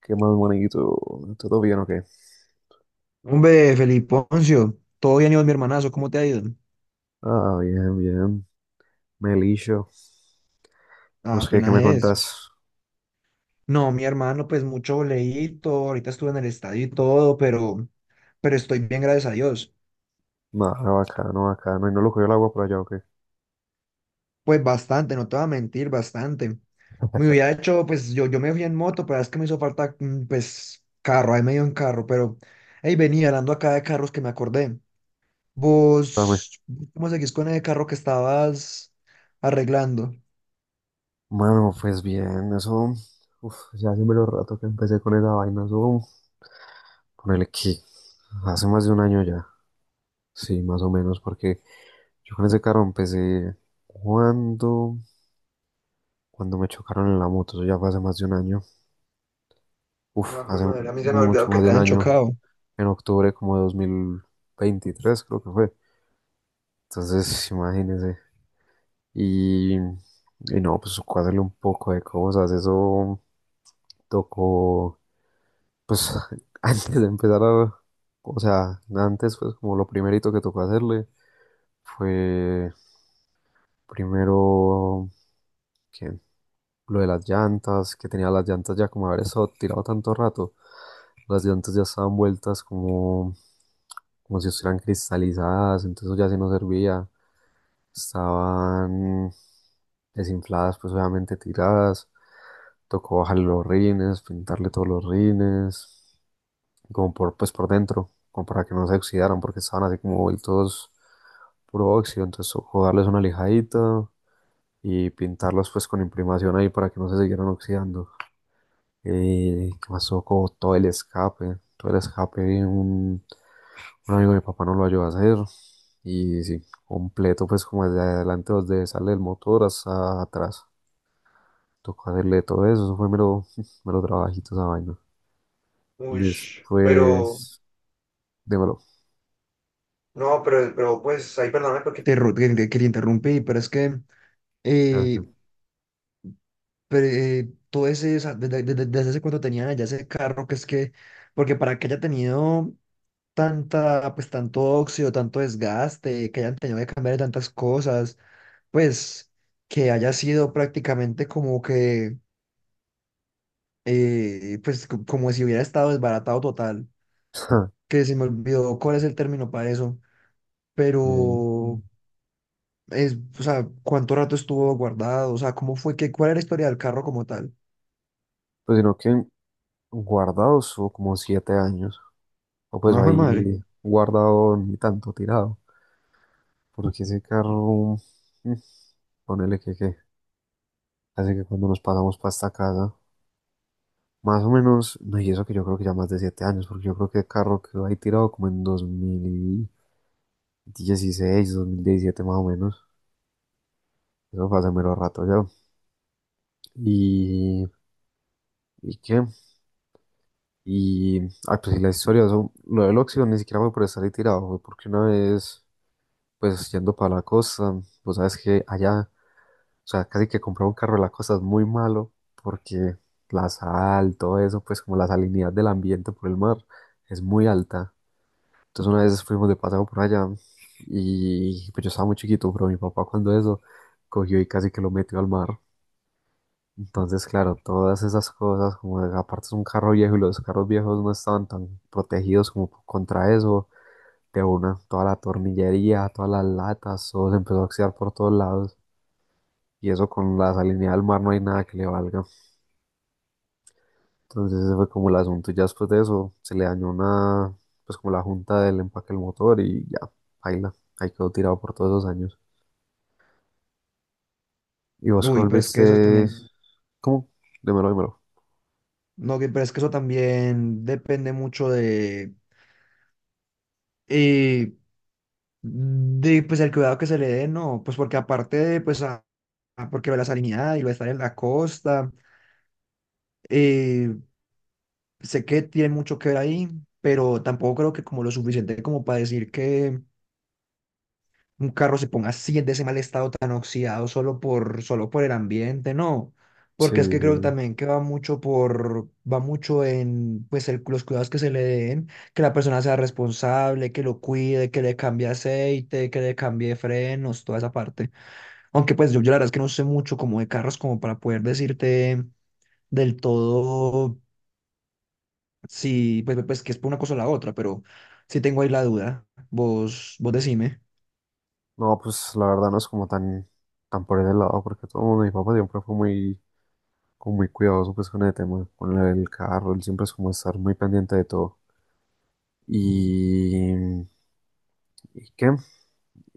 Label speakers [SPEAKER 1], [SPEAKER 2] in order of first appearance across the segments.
[SPEAKER 1] ¿Qué más bonito? ¿Todo bien o qué?
[SPEAKER 2] Hombre, Feliponcio, todo bien, Iván, mi hermanazo, ¿cómo te ha ido?
[SPEAKER 1] Ah, bien, bien. Melillo.
[SPEAKER 2] Ah,
[SPEAKER 1] Pues qué, ¿qué
[SPEAKER 2] apenas
[SPEAKER 1] me
[SPEAKER 2] es.
[SPEAKER 1] contás?
[SPEAKER 2] No, mi hermano, pues mucho leíto, ahorita estuve en el estadio y todo, pero estoy bien, gracias a Dios.
[SPEAKER 1] Nada, bacano, bacano. ¿Y no lo cogió el agua por allá o qué?
[SPEAKER 2] Pues bastante, no te voy a mentir, bastante. Me hubiera hecho, pues yo me fui en moto, pero es que me hizo falta, pues, carro, ahí medio en carro, pero, hey, venía hablando acá de carros que me acordé.
[SPEAKER 1] Dame.
[SPEAKER 2] ¿Vos cómo seguís con ese carro que estabas arreglando?
[SPEAKER 1] Mano, pues bien, eso. Uf, ya hace mero rato que empecé con esa vaina. Eso, ponele que hace más de un año ya. Sí, más o menos, porque yo con ese carro empecé cuando, cuando me chocaron en la moto. Eso ya fue hace más de un año. Uf,
[SPEAKER 2] Ah,
[SPEAKER 1] hace
[SPEAKER 2] joder, madre, a mí se me ha olvidado
[SPEAKER 1] mucho
[SPEAKER 2] que
[SPEAKER 1] más de
[SPEAKER 2] te
[SPEAKER 1] un
[SPEAKER 2] han
[SPEAKER 1] año.
[SPEAKER 2] chocado.
[SPEAKER 1] En octubre como de 2023, creo que fue. Entonces, imagínese. Y no, pues cuádrele un poco de cosas. Eso tocó, pues antes de empezar a, o sea, antes pues como lo primerito que tocó hacerle fue primero que lo de las llantas, que tenía las llantas ya como haber estado tirado tanto rato. Las llantas ya estaban vueltas como, como si estuvieran cristalizadas, entonces eso ya sí no servía. Estaban desinfladas, pues obviamente tiradas. Tocó bajarle los rines, pintarle todos los rines, como por, pues por dentro, como para que no se oxidaran, porque estaban así como vueltos puro óxido. Entonces tocó darles una lijadita y pintarlos pues con imprimación ahí para que no se siguieran oxidando. ¿Qué pasó con todo el escape? Todo el escape, un amigo de mi papá no lo ayudó a hacer. Y sí, completo, pues como desde adelante, donde sale el motor hasta atrás. Tocó hacerle todo eso, eso fue mero, mero trabajito esa vaina.
[SPEAKER 2] Uy, pero,
[SPEAKER 1] Después, démelo.
[SPEAKER 2] no, pero pues ahí perdóname porque te, que te interrumpí, pero es que
[SPEAKER 1] Creo que-
[SPEAKER 2] eh, pero todo ese, desde, desde hace cuando tenía ya ese carro, que es que, porque para que haya tenido tanta, pues tanto óxido, tanto desgaste, que hayan tenido que cambiar tantas cosas, pues que haya sido prácticamente como que, pues como si hubiera estado desbaratado total, que se me olvidó cuál es el término para eso,
[SPEAKER 1] Eh,
[SPEAKER 2] pero... Es, o sea, ¿cuánto rato estuvo guardado? O sea, ¿cómo fue que, cuál era la historia del carro como tal?
[SPEAKER 1] Pues sino que guardado estuvo como siete años. O pues
[SPEAKER 2] No fue madre.
[SPEAKER 1] ahí guardado ni tanto tirado. Porque ese carro, mm, ponele que, que. Así que cuando nos pasamos para esta casa, más o menos, no, y eso que yo creo que ya más de siete años, porque yo creo que el carro quedó ahí tirado como en 2016, 2017 más o menos. Eso fue hace mero rato ya. Y, ¿Y qué? Y, ah, pues sí, la historia, eso, lo del óxido ni siquiera fue por estar ahí tirado, fue porque una vez, pues yendo para la costa, pues sabes que allá. O sea, casi que comprar un carro de la costa es muy malo porque la sal, todo eso, pues como la salinidad del ambiente por el mar es muy alta. Entonces una vez fuimos de paseo por allá y pues yo estaba muy chiquito, pero mi papá cuando eso cogió y casi que lo metió al mar. Entonces, claro, todas esas cosas, como de- aparte es un carro viejo y los carros viejos no estaban tan protegidos como contra eso, de una, toda la tornillería, todas las latas, todo se empezó a oxidar por todos lados. Y eso con la salinidad del mar no hay nada que le valga. Entonces ese fue como el asunto. Y ya después de eso se le dañó una, pues como la junta del empaque del motor y ya, baila. Ahí quedó tirado por todos esos años. Y vos
[SPEAKER 2] Uy, pero es que eso es
[SPEAKER 1] volviste,
[SPEAKER 2] también,
[SPEAKER 1] ¿cómo? Dímelo, dímelo.
[SPEAKER 2] no, pero es que eso también depende mucho eh, de, pues, el cuidado que se le dé, ¿no? Pues porque aparte de, pues, porque la salinidad y lo de estar en la costa, eh, sé que tiene mucho que ver ahí, pero tampoco creo que como lo suficiente como para decir que un carro se ponga así en ese mal estado tan oxidado solo por, solo por el ambiente, no.
[SPEAKER 1] Sí,
[SPEAKER 2] Porque es que creo
[SPEAKER 1] sí.
[SPEAKER 2] también que va mucho por, va mucho en, pues, los cuidados que se le den, que la persona sea responsable, que lo cuide, que le cambie aceite, que le cambie frenos, toda esa parte. Aunque pues yo la verdad es que no sé mucho como de carros como para poder decirte del todo si, pues, pues que es por una cosa o la otra, pero sí tengo ahí la duda. Vos decime.
[SPEAKER 1] No, pues la verdad no es como tan, tan por ese lado, porque todo el mundo, mi papá siempre fue muy, como muy cuidadoso pues con el tema, con el carro, él siempre es como estar muy pendiente de todo. Y, ¿Y qué?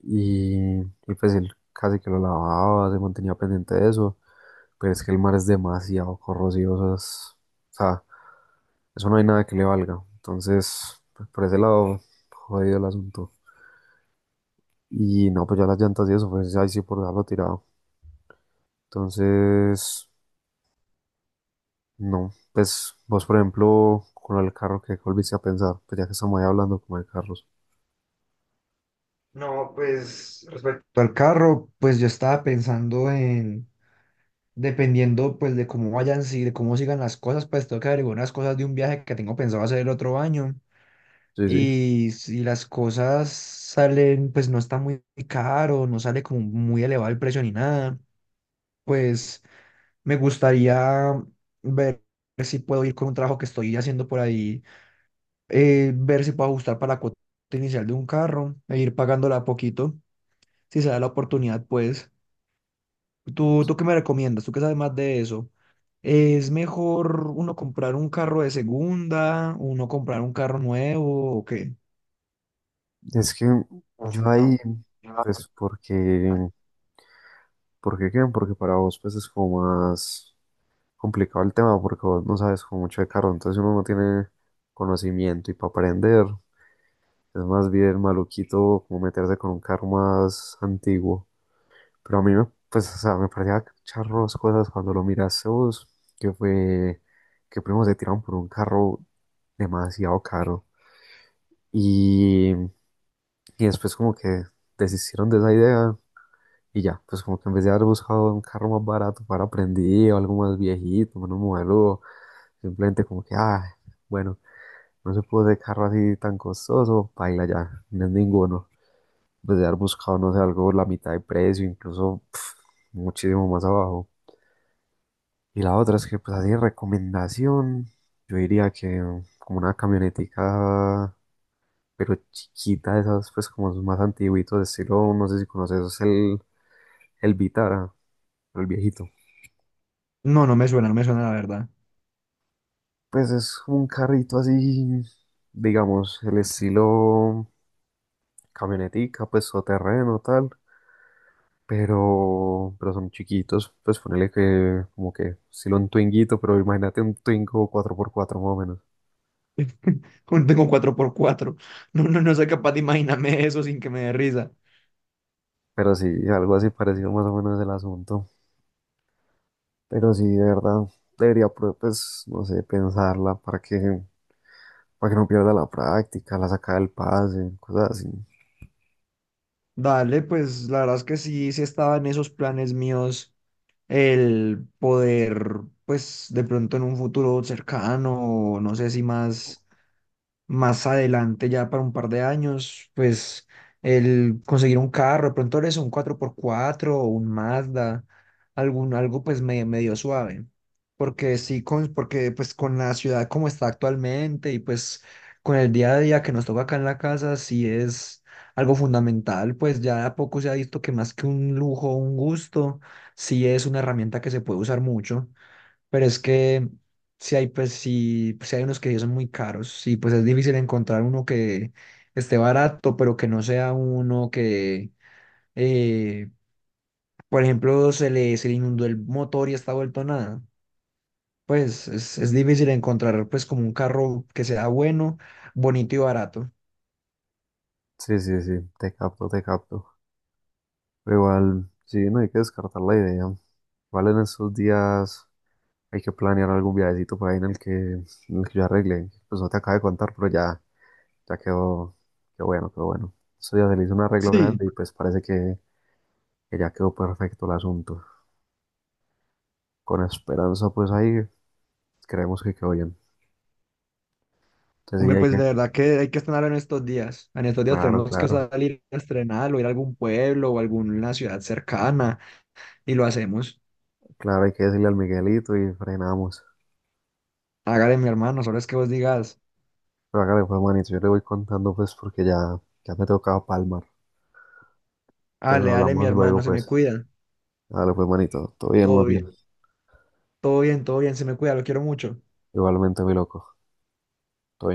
[SPEAKER 1] Y pues él casi que lo lavaba, se mantenía pendiente de eso. Pero es que el mar es demasiado corrosivo, o es- o sea, eso no hay nada que le valga. Entonces, pues, por ese lado, jodido el asunto. Y no, pues ya las llantas y eso, pues ahí sí por dejarlo tirado. Entonces, no, pues vos, por ejemplo, con el carro que volviste a pensar, pues ya que estamos ahí hablando como de carros.
[SPEAKER 2] No, pues respecto al carro, pues yo estaba pensando en, dependiendo pues de cómo vayan, si, de cómo sigan las cosas, pues tengo que averiguar unas cosas de un viaje que tengo pensado hacer el otro año.
[SPEAKER 1] Sí, sí.
[SPEAKER 2] Y si las cosas salen, pues no está muy caro, no sale como muy elevado el precio ni nada, pues me gustaría ver si puedo ir con un trabajo que estoy haciendo por ahí, ver si puedo ajustar para la cuota inicial de un carro e ir pagándola a poquito, si se da la oportunidad, pues. ¿Tú qué me recomiendas? ¿Tú qué sabes más de eso? ¿Es mejor uno comprar un carro de segunda, uno comprar un carro nuevo o qué?
[SPEAKER 1] Es que yo ahí, pues porque ¿por qué qué? Porque para vos pues es como más complicado el tema porque vos no sabes como mucho de carro, entonces uno no tiene conocimiento y para aprender es más bien maluquito como meterse con un carro más antiguo. Pero a mí me, pues, o sea, me parecía charros cosas cuando lo miraste vos, que fue que primero se tiraron por un carro demasiado caro y después como que desistieron de esa idea. Y ya, pues como que en vez de haber buscado un carro más barato para aprendido, algo más viejito, menos modelo, simplemente como que, ah, bueno, no se puede de carro así tan costoso, paila ya, no es ninguno. En vez de haber buscado, no sé, algo la mitad de precio, incluso pf, muchísimo más abajo. Y la otra es que, pues así, de recomendación, yo diría que como una camionetica, pero chiquita, de esas, pues como más antiguitos, estilo, no sé si conoces, es el Vitara, pero el viejito.
[SPEAKER 2] No, no me suena, no me suena la verdad.
[SPEAKER 1] Pues es un carrito así, digamos, el estilo camionetica, pues o terreno, tal, pero son chiquitos, pues ponele que como que estilo un Twinguito, pero imagínate un Twingo cuatro por cuatro más o menos,
[SPEAKER 2] Tengo cuatro por cuatro. No, no, no soy capaz de imaginarme eso sin que me dé risa.
[SPEAKER 1] pero sí, algo así parecido más o menos el asunto, pero sí, de verdad, debería, pro- pues, no sé, pensarla para que no pierda la práctica, la sacada del pase, cosas así.
[SPEAKER 2] Dale, pues la verdad es que sí, sí estaba en esos planes míos el poder, pues de pronto en un futuro cercano, no sé si más, más adelante, ya para un par de años, pues el conseguir un carro, de pronto eso un cuatro por cuatro o un Mazda, algún, algo pues medio suave. Porque sí, con, porque pues con la ciudad como está actualmente y pues con el día a día que nos toca acá en la casa, sí es algo fundamental, pues ya de a poco se ha visto que más que un lujo, un gusto, sí es una herramienta que se puede usar mucho. Pero es que si hay, pues, si hay unos que sí son muy caros, y pues es difícil encontrar uno que esté barato, pero que no sea uno que, eh, por ejemplo, se le inundó el motor y está vuelto nada. Pues es difícil encontrar pues como un carro que sea bueno, bonito y barato.
[SPEAKER 1] Sí, sí, sí, te capto, te capto. Pero igual, sí, no hay que descartar la idea. Igual en estos días hay que planear algún viajecito por ahí en el que yo arregle. Pues no te acabo de contar, pero ya, ya quedó, qué bueno, qué bueno. Eso ya se le hizo un arreglo
[SPEAKER 2] Sí,
[SPEAKER 1] grande y pues parece que ya quedó perfecto el asunto. Con esperanza, pues ahí creemos que quedó bien. Entonces sí,
[SPEAKER 2] hombre,
[SPEAKER 1] hay
[SPEAKER 2] pues
[SPEAKER 1] que,
[SPEAKER 2] de verdad que hay que estrenar en estos días. En estos días
[SPEAKER 1] claro,
[SPEAKER 2] tenemos que
[SPEAKER 1] claro,
[SPEAKER 2] salir a estrenar o ir a algún pueblo o alguna ciudad cercana y lo hacemos.
[SPEAKER 1] claro, hay que decirle al Miguelito y frenamos.
[SPEAKER 2] Hágale mi hermano, solo es que vos digas,
[SPEAKER 1] Pero hágale pues, manito, yo le voy contando pues porque ya, ya me tocaba palmar. Entonces
[SPEAKER 2] dale, dale mi
[SPEAKER 1] hablamos
[SPEAKER 2] hermano,
[SPEAKER 1] luego,
[SPEAKER 2] se me
[SPEAKER 1] pues.
[SPEAKER 2] cuida,
[SPEAKER 1] Dale, pues, manito. Todo bien, más
[SPEAKER 2] todo
[SPEAKER 1] bien.
[SPEAKER 2] bien, todo bien, todo bien, se me cuida, lo quiero mucho.
[SPEAKER 1] Igualmente, mi loco. Todo